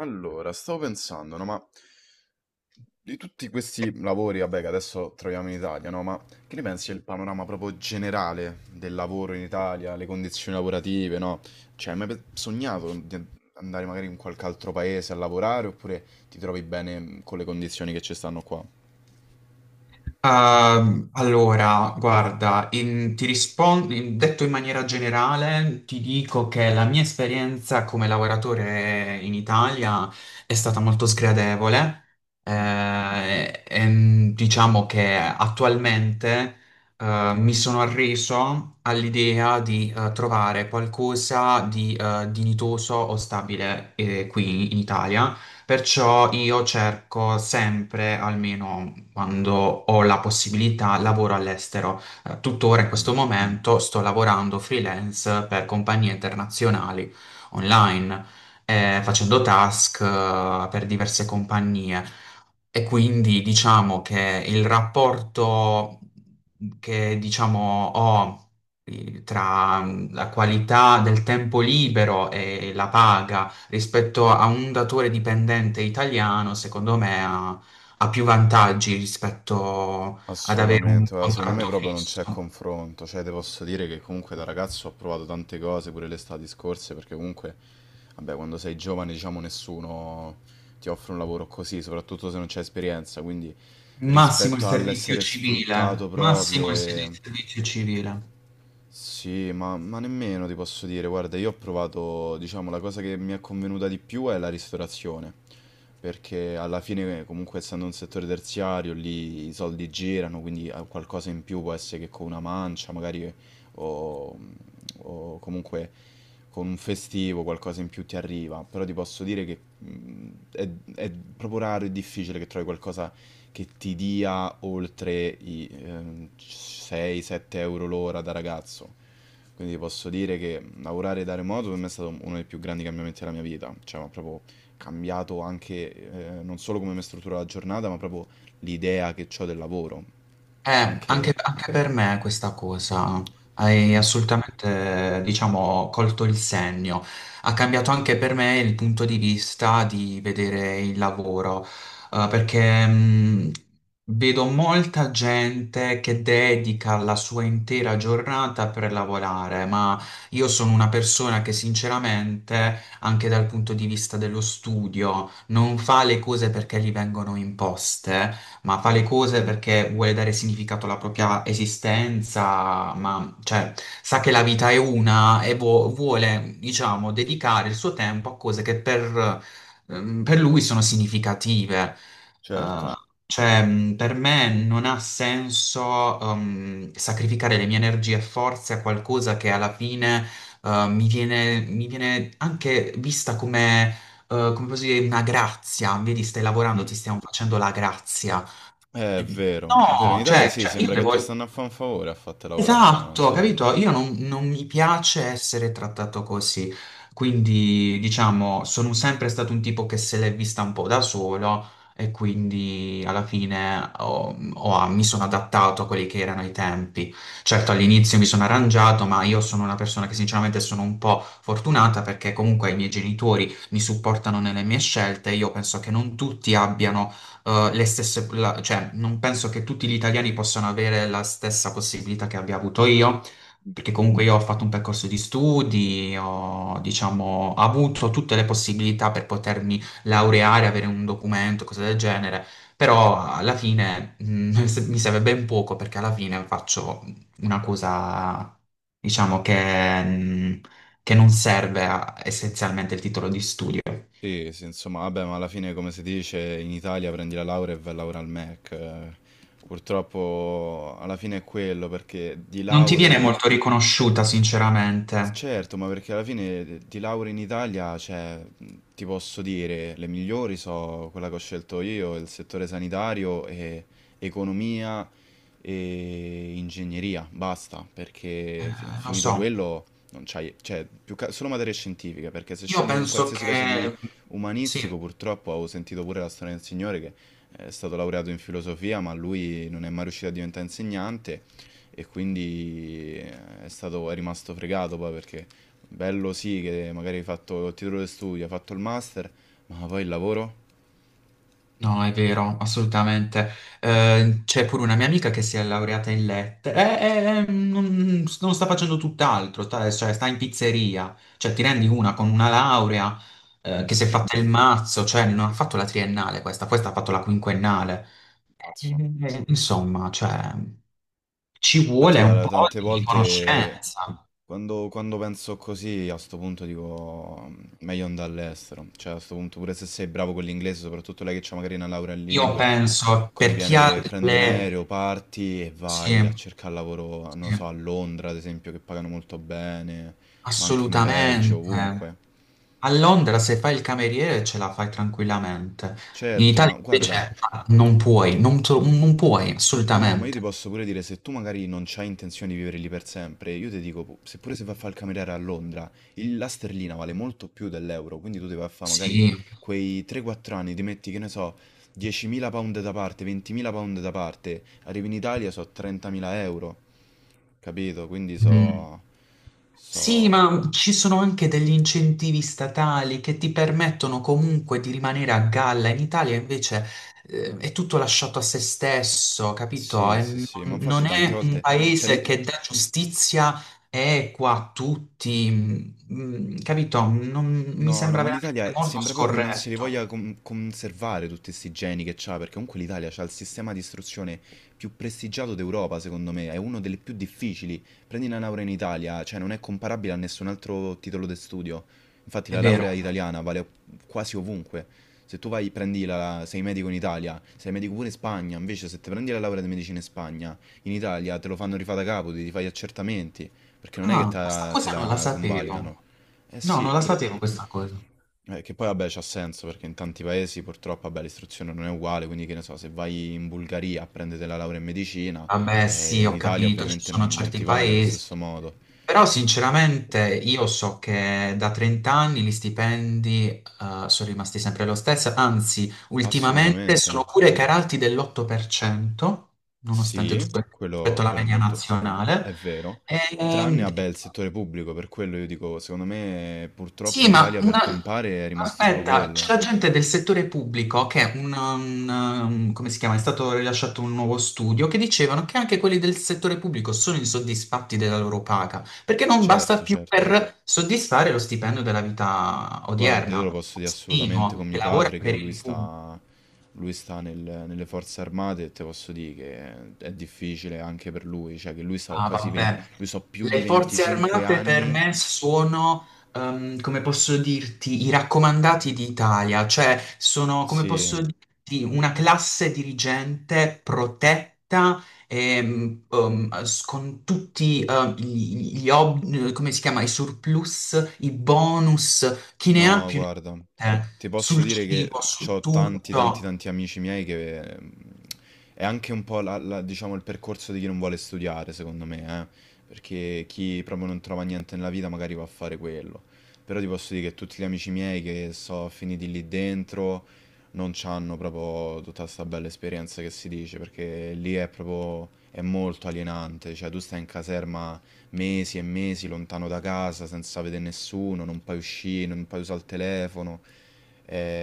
Allora, stavo pensando, no, ma di tutti questi lavori, vabbè, che adesso troviamo in Italia, no, ma che ne pensi del panorama proprio generale del lavoro in Italia, le condizioni lavorative, no? Cioè, hai mai sognato di andare magari in qualche altro paese a lavorare oppure ti trovi bene con le condizioni che ci stanno qua? Allora, guarda, ti rispondo, detto in maniera generale, ti dico che la mia esperienza come lavoratore in Italia è stata molto sgradevole. Mm, Diciamo che attualmente, mi sono arreso all'idea di, trovare qualcosa di, dignitoso o stabile, qui in Italia. Perciò io cerco sempre, almeno quando ho la possibilità, lavoro all'estero. Tuttora in sì. questo momento sto lavorando freelance per compagnie internazionali online, facendo task, per diverse compagnie. E quindi diciamo che il rapporto che diciamo ho tra la qualità del tempo libero e la paga rispetto a un datore dipendente italiano, secondo me ha più vantaggi rispetto ad avere Assolutamente, un guarda, secondo contratto me proprio non c'è fisso. confronto, cioè te posso dire che comunque da ragazzo ho provato tante cose pure le estati scorse perché comunque, vabbè, quando sei giovane diciamo nessuno ti offre un lavoro così, soprattutto se non c'è esperienza, quindi Massimo il rispetto servizio all'essere sfruttato civile, massimo proprio il e servizio civile. sì, ma nemmeno ti posso dire, guarda, io ho provato, diciamo, la cosa che mi è convenuta di più è la ristorazione, perché alla fine comunque essendo un settore terziario lì i soldi girano, quindi qualcosa in più può essere che con una mancia, magari o, o comunque con un festivo qualcosa in più ti arriva, però ti posso dire che è proprio raro e difficile che trovi qualcosa che ti dia oltre i 6-7 euro l'ora da ragazzo. Quindi posso dire che lavorare da remoto per me è stato uno dei più grandi cambiamenti della mia vita, cioè mi ha proprio cambiato anche non solo come mi struttura la giornata, ma proprio l'idea che ho del lavoro. Anche. Anche per me questa cosa hai Mm, assolutamente, diciamo, colto il segno. Ha cambiato anche per me il punto di vista di vedere il lavoro, perché vedo molta gente che dedica la sua intera giornata per lavorare, ma io sono una persona che sinceramente, anche dal punto di vista dello studio, non fa le cose perché gli vengono imposte ma fa le cose perché vuole dare significato alla propria esistenza, ma cioè, sa che la vita è una e vuole, diciamo, dedicare il suo tempo a cose che per lui sono significative. Eh, certo. cioè, per me non ha senso, sacrificare le mie energie e forze a qualcosa che alla fine, mi viene anche vista come, come posso dire, una grazia. Vedi, stai lavorando, Mm. ti stiamo facendo la grazia. È vero, in No, Italia sì, cioè, io sembra che devo... te stanno a fare un favore a farti lavorare, Esatto, sì. capito? Io non mi piace essere trattato così, quindi diciamo, sono sempre stato un tipo che se l'è vista un po' da solo e quindi alla fine mi sono adattato a quelli che erano i tempi. Certo, all'inizio mi sono arrangiato, ma io sono una persona che sinceramente sono un po' fortunata perché comunque i miei genitori mi supportano nelle mie scelte. Io penso che non tutti abbiano cioè, non penso che tutti gli italiani possano avere la stessa possibilità che abbia avuto io, perché comunque io ho fatto un percorso di studi, ho, diciamo, avuto tutte le possibilità per potermi laureare, avere un documento, cose del genere, però alla fine, mi serve ben poco perché alla fine faccio una cosa, diciamo, che non serve essenzialmente il titolo di studio. Sì, sì, insomma, vabbè, ma alla fine, come si dice, in Italia prendi la laurea e vai a lavorare al Mac, eh. Purtroppo alla fine è quello, perché di Non ti viene lauree. molto riconosciuta, sinceramente. Certo, ma perché alla fine ti lauri in Italia, cioè, ti posso dire, le migliori sono quella che ho scelto io, il settore sanitario e economia e ingegneria, basta, perché Lo finito so, quello non c'hai, cioè, più solo materie scientifiche, perché se io scegli un penso qualsiasi cosa di che sì, umanistico, purtroppo ho sentito pure la storia del signore che è stato laureato in filosofia, ma lui non è mai riuscito a diventare insegnante e quindi è stato, è rimasto fregato poi perché bello sì che magari hai fatto il titolo di studio, hai fatto il master, ma poi il lavoro? no, è vero, assolutamente. C'è pure una mia amica che si è laureata in lettere e non, non sta facendo tutt'altro, sta, cioè, sta in pizzeria, cioè ti rendi una con una laurea Eh che si è sì, fatta il mazzo, cioè non ha fatto la triennale questa, questa ha fatto la quinquennale. pazzo. Insomma, cioè, ci Infatti, vuole un guarda, po' tante di volte conoscenza. quando penso così, a sto punto dico meglio andare all'estero. Cioè, a sto punto, pure se sei bravo con l'inglese, soprattutto lei che ha magari una laurea in Io lingue, penso per chi conviene ha che prendi un le... aereo, parti e Sì, vai a cercare lavoro, non lo sì. so, a Londra, ad esempio, che pagano molto bene, ma anche in Belgio, Assolutamente. ovunque. A Londra se fai il cameriere ce la fai tranquillamente. In Certo, ma Italia guarda. invece ah, non puoi, non, non puoi, No, ma io assolutamente. ti posso pure dire, se tu magari non c'hai intenzione di vivere lì per sempre, io ti dico, seppure se vai a fare il cameriere a Londra, la sterlina vale molto più dell'euro, quindi tu devi vai a fare magari Sì. quei 3-4 anni, ti metti, che ne so, 10.000 pound da parte, 20.000 pound da parte, arrivi in Italia so 30.000 euro, capito? Quindi Mm. so... Sì, so... ma ci sono anche degli incentivi statali che ti permettono comunque di rimanere a galla. In Italia invece è tutto lasciato a se stesso, capito? Sì, E sì, sì, ma infatti non tante è un volte. Cioè, paese che dà giustizia equa a tutti, capito? Mi no, no, sembra ma veramente l'Italia molto sembra proprio che non se li scorretto, voglia conservare tutti questi geni che c'ha, perché comunque l'Italia c'ha il sistema di istruzione più prestigiato d'Europa, secondo me, è uno delle più difficili. Prendi una laurea in Italia, cioè non è comparabile a nessun altro titolo di studio. Infatti è la vero. laurea italiana vale quasi ovunque. Se tu vai, prendi la, sei medico in Italia, sei medico pure in Spagna, invece se te prendi la laurea di medicina in Spagna, in Italia te lo fanno rifare da capo, ti fai gli accertamenti, perché non è che Ah, questa te cosa non la la sapevo. convalidano. No, Eh sì, non la pure. sapevo questa cosa. Che poi vabbè c'ha senso perché in tanti paesi purtroppo vabbè, l'istruzione non è uguale, quindi che ne so, se vai in Bulgaria a prendere la laurea in medicina, Vabbè, sì, in ho Italia capito, ci ovviamente sono non certi ti vale allo paesi, stesso modo. però sinceramente io so che da 30 anni gli stipendi sono rimasti sempre lo stesso, anzi, ultimamente Assolutamente. sono pure calati dell'8%, nonostante Sì, tutto rispetto quello, alla quello è media molto. nazionale. È vero. Tranne, E, vabbè, il settore pubblico, per quello io dico, secondo me purtroppo sì, in ma Italia per una... campare è rimasto solo aspetta, c'è quello. la gente del settore pubblico che è un, come si chiama? È stato rilasciato un nuovo studio che dicevano che anche quelli del settore pubblico sono insoddisfatti della loro paga, perché non basta Certo, più certo. per soddisfare lo stipendio della vita Guarda, io odierna. te Un lo posso dire assolutamente postino con che mio lavora padre che per il pubblico. Lui sta nelle forze armate e te posso dire che è difficile anche per lui, cioè che lui sta Ah, quasi 20, vabbè. lui sta più di Le forze 25 armate per anni, me sono, come posso dirti, i raccomandati d'Italia, cioè sono, come sì. posso dirti, una classe dirigente protetta con tutti gli, come si chiama, i surplus, i bonus, chi ne ha No, più guarda, ne ha, ti posso sul dire cibo, che su ho tanti, tanti, tutto. tanti amici miei che è anche un po' diciamo, il percorso di chi non vuole studiare, secondo me, eh. Perché chi proprio non trova niente nella vita magari va a fare quello. Però ti posso dire che tutti gli amici miei che sono finiti lì dentro non c'hanno proprio tutta questa bella esperienza che si dice, perché lì è proprio, è molto alienante, cioè tu stai in caserma mesi e mesi lontano da casa, senza vedere nessuno, non puoi uscire, non puoi usare il telefono.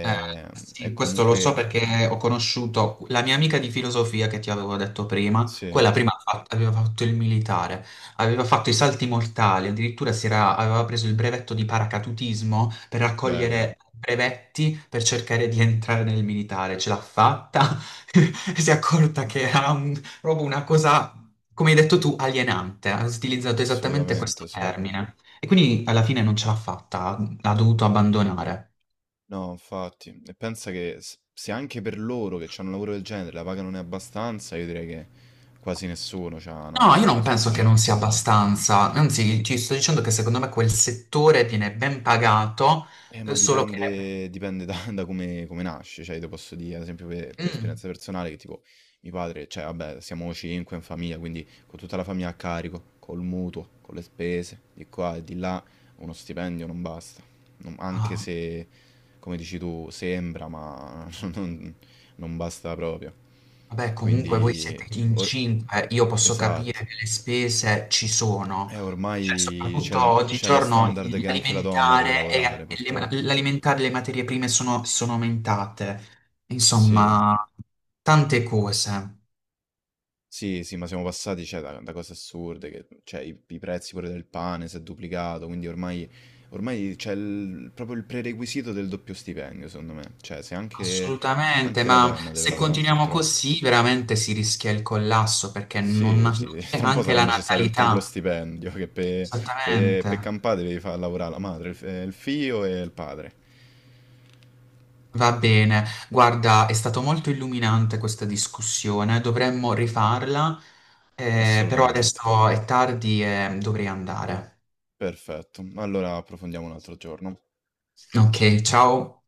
Eh, e sì, questo lo so comunque, perché ho conosciuto la mia amica di filosofia che ti avevo detto prima, sì, quella prima aveva fatto il militare, aveva fatto i salti mortali, addirittura aveva preso il brevetto di paracadutismo per bello, raccogliere brevetti per cercare di entrare nel militare, ce l'ha fatta, e si è accorta che era proprio una cosa, come hai detto tu, alienante, ha utilizzato esattamente questo assolutamente, sì. termine e quindi alla fine non ce l'ha fatta, l'ha dovuto abbandonare. No, infatti, e pensa che se anche per loro che hanno un lavoro del genere la paga non è abbastanza, io direi che quasi nessuno ha una No, io paga non penso che non sufficiente sia allora. abbastanza, anzi ti sto dicendo che secondo me quel settore viene ben pagato, Ma solo che... dipende da da come nasce, cioè io te posso dire ad esempio per Mm, esperienza personale che tipo mio padre cioè vabbè siamo 5 in famiglia, quindi con tutta la famiglia a carico, col mutuo, con le spese di qua e di là, uno stipendio non basta. Non anche ah, se, come dici tu, sembra, ma non non basta proprio. vabbè, comunque voi Quindi siete in or cinque, io posso esatto. capire che le spese ci sono, cioè Ormai soprattutto c'è lo oggigiorno standard che anche la donna deve l'alimentare e lavorare le, ma- purtroppo. l'alimentare e le materie prime sono, sono aumentate, Sì. insomma, tante cose. Sì, sì, ma siamo passati, cioè, da cose assurde, che, cioè, i prezzi pure del pane si è duplicato, quindi ormai, ormai c'è proprio il prerequisito del doppio stipendio, secondo me. Cioè, se anche, Assolutamente, anche la ma donna deve se lavorare, continuiamo purtroppo. così veramente si rischia il collasso perché non, Sì, non sì, c'è tra un po' anche sarà la necessario il triplo natalità. stipendio, che per pe, Esattamente. pe campare devi far lavorare la madre, il figlio e il padre. Va bene. Guarda, è stato molto illuminante questa discussione, dovremmo rifarla, però Assolutamente. adesso è tardi e dovrei andare. Perfetto. Allora approfondiamo un altro giorno. Ok, ciao.